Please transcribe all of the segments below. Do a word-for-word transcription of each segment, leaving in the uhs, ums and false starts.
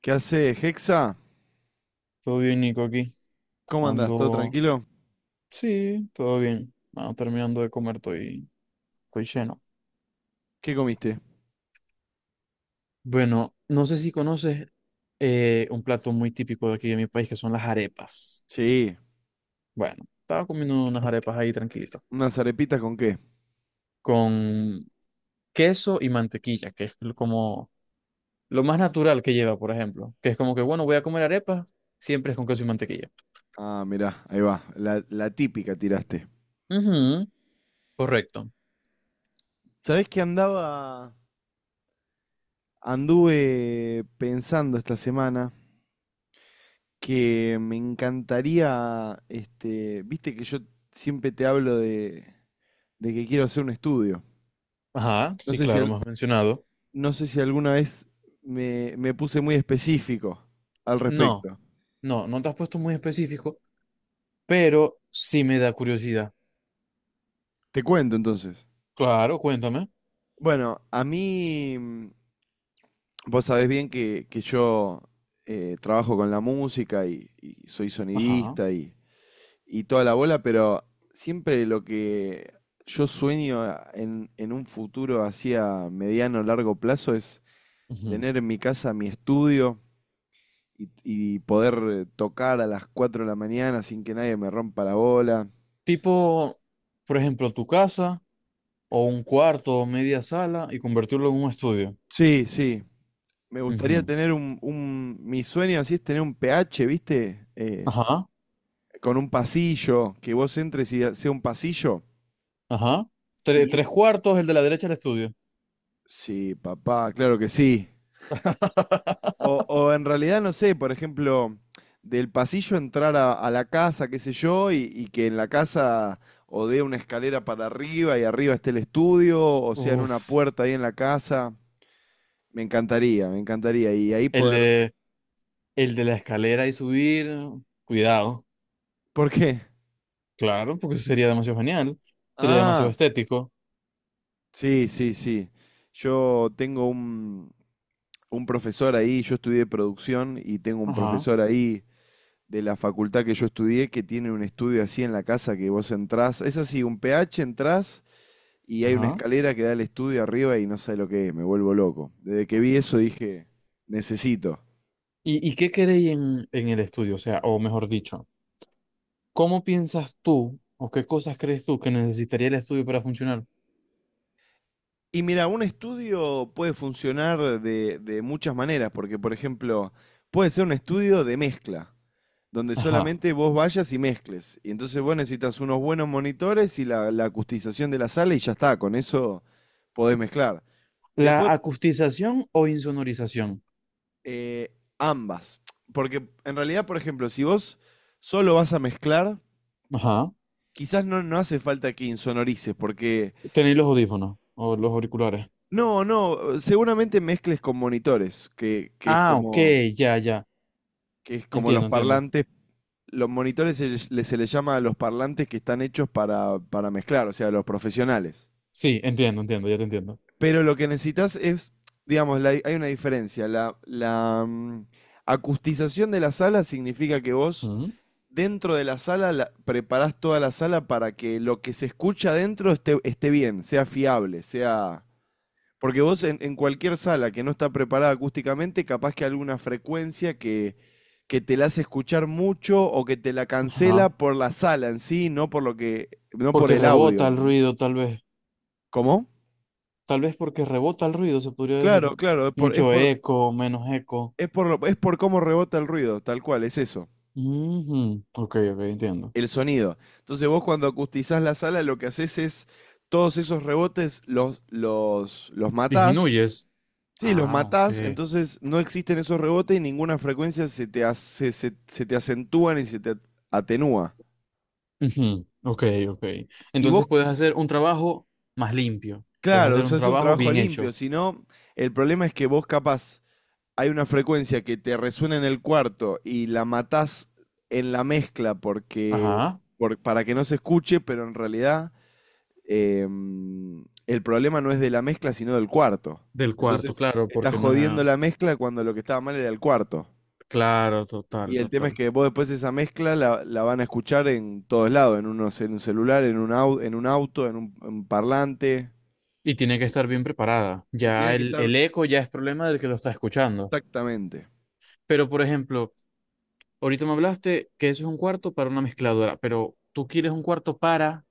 ¿Qué hace, Hexa? Todo bien, Nico, aquí. ¿Cómo andás? ¿Todo Ando. tranquilo? Sí, todo bien. Ando terminando de comer, estoy, estoy lleno. ¿Qué comiste? Bueno, no sé si conoces eh, un plato muy típico de aquí de mi país, que son las arepas. Sí, Bueno, estaba comiendo unas arepas ahí tranquilito, unas arepitas con qué. con queso y mantequilla, que es lo- como lo más natural que lleva, por ejemplo. Que es como que, bueno, voy a comer arepas, siempre es con queso y mantequilla. Ah, mirá, ahí va, la, la típica tiraste. Ujú, correcto. ¿Sabés que andaba, anduve pensando esta semana que me encantaría, este, viste que yo siempre te hablo de, de que quiero hacer un estudio. Ajá, No sí, sé si, claro, al- me has mencionado. no sé si alguna vez me, me puse muy específico al No, respecto. no, no te has puesto muy específico, pero sí me da curiosidad. Te cuento entonces. Claro, cuéntame. Bueno, a mí mm, vos sabés bien que, que yo eh, trabajo con la música y, y soy Ajá. sonidista y, y toda la bola, pero siempre lo que yo sueño a- en, en un futuro así a mediano, o largo plazo es Ujú. tener en mi casa mi estudio y, y poder eh, tocar a las cuatro de la mañana sin que nadie me rompa la bola. Tipo, por ejemplo, tu casa o un cuarto o media sala y convertirlo en un estudio. Sí, sí. Me gustaría Ujú. tener un, un- mi sueño así es tener un P H, ¿viste? Eh, Ajá, con un pasillo, que vos entres y sea un pasillo. ajá. Tre- Y Tres cuartos, el de la derecha el estudio. sí, papá, claro que sí. O, o en realidad, no sé, por ejemplo, del pasillo entrar a, a la casa, qué sé yo, y, y que en la casa o dé una escalera para arriba y arriba esté el estudio, o sea, en Uf, una puerta ahí en la casa. Me encantaría, me encantaría. Y ahí el poder. de, el de la escalera y subir, cuidado. ¿Por qué? Claro, porque eso sería demasiado genial, sería demasiado Ah, estético. sí, sí, sí. Yo tengo un, un profesor ahí, yo estudié producción y tengo un Ajá, profesor ahí de la facultad que yo estudié que tiene un estudio así en la casa que vos entrás. Es así, un P H entrás y hay una ajá. escalera que da al estudio arriba y no sé lo que es, me vuelvo loco. Desde que vi eso dije, necesito. ¿Y, y qué queréis en, en el estudio? O sea, o mejor dicho, ¿cómo piensas tú o qué cosas crees tú que necesitaría el estudio para funcionar? Y mira, un estudio puede funcionar de, de muchas maneras, porque por ejemplo, puede ser un estudio de mezcla, donde Ajá. solamente vos vayas y mezcles. Y entonces vos necesitas unos buenos monitores y la, la acustización de la sala y ya está, con eso podés mezclar. ¿La Después acustización o insonorización? eh, ambas. Porque en realidad, por ejemplo, si vos solo vas a mezclar, Ajá. quizás no, no hace falta que insonorices, porque Tenéis los audífonos o los auriculares. no, no, seguramente mezcles con monitores, que, que es Ah, ok, como, ya, ya. que es como los Entiendo, entiendo. parlantes. Los monitores se, les- se les llama a los parlantes que están hechos para, para mezclar, o sea, los profesionales. Sí, entiendo, entiendo, ya te entiendo. Pero lo que necesitas es, digamos, la- hay una diferencia. La, la mm, acustización de la sala significa que vos Ujú. dentro de la sala, la- preparás toda la sala para que lo que se escucha adentro esté, esté bien, sea fiable, sea. Porque vos en, en cualquier sala que no está preparada acústicamente, capaz que alguna frecuencia que, que te la hace escuchar mucho o que te la cancela Ajá. por la sala en sí, no por lo que, no por Porque el audio. rebota el ¿Entendés? ruido, tal vez. ¿Cómo? Tal vez porque rebota el ruido, se podría decir. Claro, claro, es por, es Mucho por, eco, menos eco. es por, lo- es por cómo rebota el ruido, tal cual, es eso. Ujú. Ok, ok, entiendo. El sonido. Entonces vos cuando acustizás la sala lo que haces es todos esos rebotes los, los, los matás. Disminuyes. Sí, los Ah, ok. matás, entonces no existen esos rebotes y ninguna frecuencia se te, hace, se, se te acentúa ni se te atenúa. Ujú, ok, ok. Y vos, Entonces puedes hacer un trabajo más limpio, puedes claro, hacer se un hace un trabajo trabajo bien limpio, hecho. si no, el problema es que vos capaz hay una frecuencia que te resuena en el cuarto y la matás en la mezcla porque, Ajá, por- para que no se escuche, pero en realidad eh, el problema no es de la mezcla, sino del cuarto. del cuarto, Entonces, claro, estás porque no jodiendo es... la mezcla cuando lo que estaba mal era el cuarto. Claro, total, Y el tema es total. que vos después esa mezcla la, la van a escuchar en todos lados, en, unos, en un celular, en un, au- en un auto, en un, en parlante. Y tiene que estar bien preparada. Y Ya tiene que el, estar el eco ya es problema del que lo está escuchando. exactamente. Pero, por ejemplo, ahorita me hablaste que eso es un cuarto para una mezcladora, pero ¿tú quieres un cuarto para,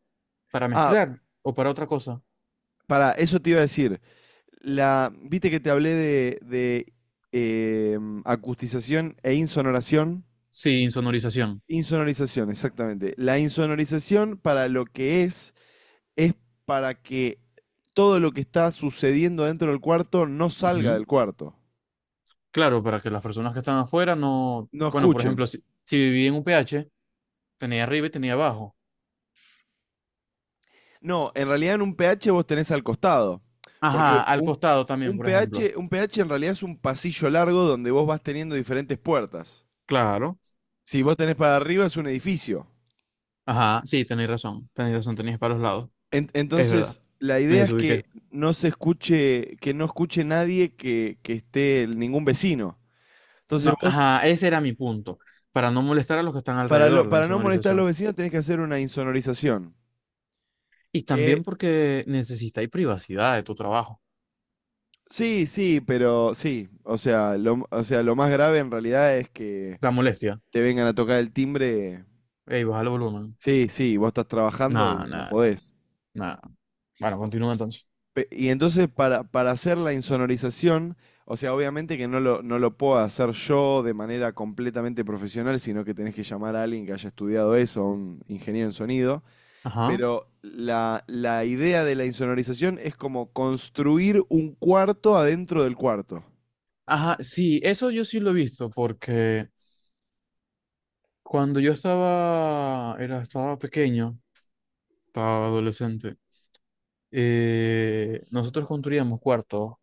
para Ah, mezclar o para otra cosa? para, eso te iba a decir. La, viste que te hablé de, de eh, acustización e insonoración. Sin sonorización. Insonorización, exactamente. La insonorización para lo que es es para que todo lo que está sucediendo dentro del cuarto no salga Ujú. del cuarto. Claro, para que las personas que están afuera no... No Bueno, por ejemplo, escuchen. si, si viví en un P H... Tenía arriba y tenía abajo. No, en realidad en un pH vos tenés al costado. Porque Ajá, al un, costado también, un por ejemplo. pH, un pH en realidad es un pasillo largo donde vos vas teniendo diferentes puertas. Claro. Si vos tenés para arriba es un edificio. Ajá, sí, tenéis razón. Tenéis razón, tenéis para los lados. En- Es verdad. entonces, la Me idea es que desubiqué. no se escuche, que no escuche nadie que, que esté el- ningún vecino. Entonces No, vos, ajá, ese era mi punto. Para no molestar a los que están para, alrededor, lo- la para no molestar a los insonorización. vecinos, tenés que hacer una insonorización. Y Que también porque necesitáis privacidad de tu trabajo. Sí, sí, pero sí. O sea, lo, o sea, lo más grave en realidad es que La molestia. te vengan a tocar el timbre. Ey, baja el volumen. Sí, sí, vos estás trabajando Nada, y no nada, podés. nada. Bueno, continúa entonces. Pe- Y entonces para, para hacer la insonorización, o sea, obviamente que no lo, no lo puedo hacer yo de manera completamente profesional, sino que tenés que llamar a alguien que haya estudiado eso, a un ingeniero en sonido. Ajá. Pero la, la idea de la insonorización es como construir un cuarto adentro del cuarto. Ajá, sí, eso yo sí lo he visto porque cuando yo estaba, era, estaba pequeño, estaba adolescente, eh, nosotros construíamos cuartos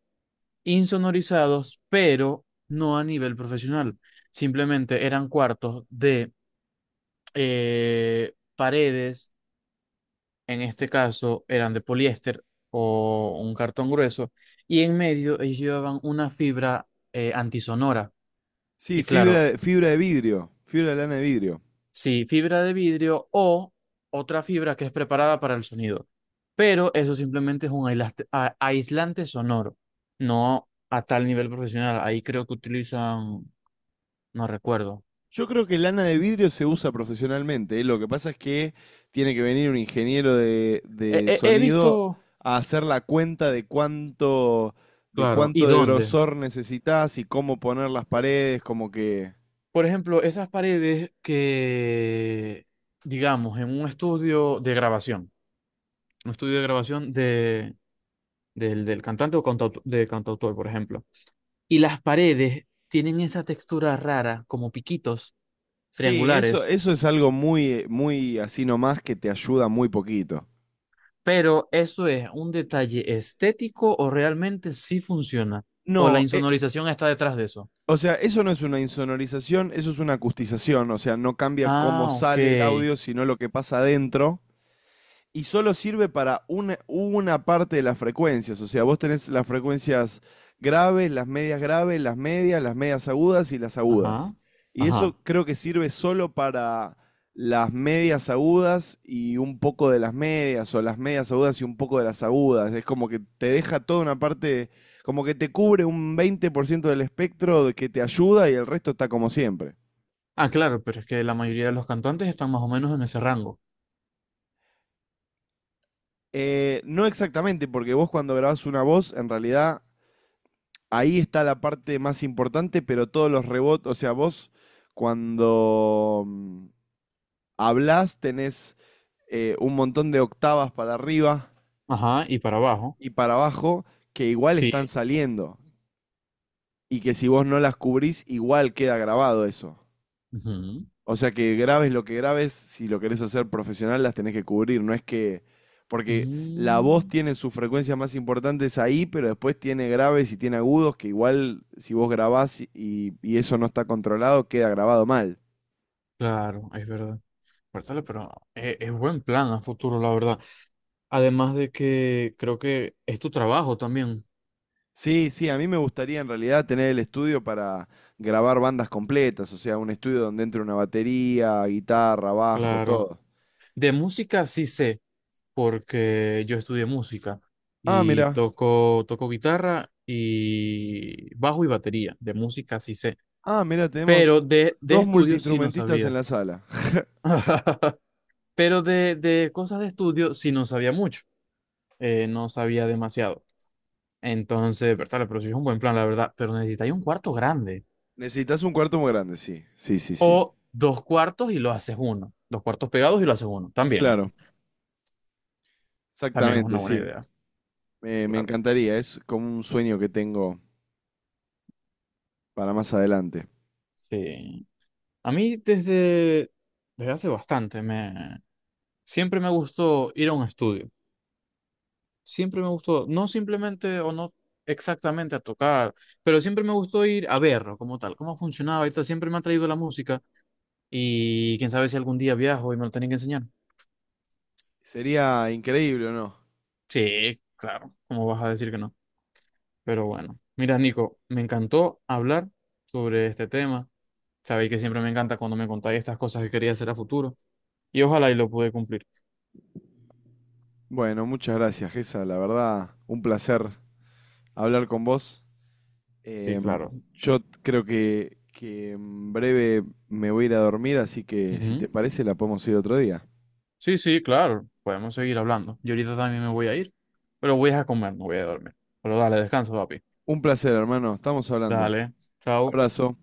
insonorizados, pero no a nivel profesional. Simplemente eran cuartos de eh, paredes, en este caso eran de poliéster o un cartón grueso, y en medio ellos llevaban una fibra eh, antisonora. Sí, Y fibra claro, de, fibra de vidrio, fibra de lana de vidrio. sí, fibra de vidrio o otra fibra que es preparada para el sonido. Pero eso simplemente es un aislaste- a- aislante sonoro, no a tal nivel profesional. Ahí creo que utilizan, no recuerdo. Yo creo que lana de vidrio se usa profesionalmente, ¿eh? Lo que pasa es que tiene que venir un ingeniero de, He, de he- He sonido visto, a hacer la cuenta de cuánto, de claro, ¿y cuánto de dónde? grosor necesitas y cómo poner las paredes, como que. Por ejemplo, esas paredes que, digamos, en un estudio de grabación, un estudio de grabación de, del, del cantante o cantautor, de cantautor, por ejemplo. Y las paredes tienen esa textura rara, como piquitos Sí, eso, triangulares, eso es algo muy, eh, muy así nomás que te ayuda muy poquito. pero ¿eso es un detalle estético o realmente sí funciona? ¿O la No, eh, insonorización está detrás de eso? o sea, eso no es una insonorización, eso es una acustización, o sea, no cambia cómo Ah, ok. sale el audio, sino lo que pasa adentro. Y solo sirve para una, una parte de las frecuencias. O sea, vos tenés las frecuencias graves, las medias graves, las medias, las medias agudas y las agudas. Ajá. Y Ajá. eso creo que sirve solo para las medias agudas y un poco de las medias, o las medias agudas y un poco de las agudas. Es como que te deja toda una parte, como que te cubre un veinte por ciento del espectro de que te ayuda y el resto está como siempre. Ah, claro, pero es que la mayoría de los cantantes están más o menos en ese rango. Eh, no exactamente, porque vos cuando grabás una voz, en realidad ahí está la parte más importante, pero todos los rebotes, o sea, vos cuando mm, hablás tenés eh, un montón de octavas para arriba Ajá, y para abajo. y para abajo que igual Sí. están saliendo y que si vos no las cubrís, igual queda grabado eso. Ujú. O sea que grabes lo que grabes, si lo querés hacer profesional, las tenés que cubrir. No es que. Porque la voz Mm, tiene sus frecuencias más importantes ahí, pero después tiene graves y tiene agudos que igual si vos grabás y, y eso no está controlado, queda grabado mal. claro, es verdad. Cuéntale, pero es, es buen plan a futuro, la verdad. Además de que creo que es tu trabajo también. Sí, sí, a mí me gustaría en realidad tener el estudio para grabar bandas completas, o sea, un estudio donde entre una batería, guitarra, bajo, Claro. todo. De música sí sé, porque yo estudié música Ah, y mira, toco, toco guitarra y bajo y batería. De música sí sé, ah, mira, tenemos pero de, de dos estudios sí no multiinstrumentistas en sabía. la sala. Pero de, de cosas de estudio sí no sabía mucho, eh, no sabía demasiado. Entonces, verdad, pero sí es un buen plan, la verdad, pero necesitáis un cuarto grande Necesitas un cuarto muy grande, sí, sí, sí, sí. o dos cuartos y lo haces uno. Dos cuartos pegados y lo haces uno. También, Claro, también es exactamente, una buena sí. idea, Me, me claro. encantaría, es como un sueño que tengo para más adelante. Sí. A mí desde, desde hace bastante me siempre me gustó ir a un estudio. Siempre me gustó, no simplemente o no exactamente a tocar, pero siempre me gustó ir a verlo como tal, cómo funcionaba y tal. Siempre me ha traído la música y quién sabe si algún día viajo y me lo tienen que enseñar. Sería increíble, ¿o no? Sí, claro, ¿cómo vas a decir que no? Pero bueno, mira, Nico, me encantó hablar sobre este tema. Sabéis que siempre me encanta cuando me contáis estas cosas que quería hacer a futuro y ojalá y lo pude cumplir. Bueno, muchas gracias, Gesa. La verdad, un placer hablar con vos. Sí, Em, claro. yo t- creo que, que en breve me voy a ir a dormir, así que si Ujú. te parece, la podemos ir otro día. Sí, sí, claro, podemos seguir hablando. Yo ahorita también me voy a ir, pero voy a comer, no voy a dormir. Pero dale, descansa, papi. Un placer, hermano. Estamos hablando. Dale, chao. Abrazo.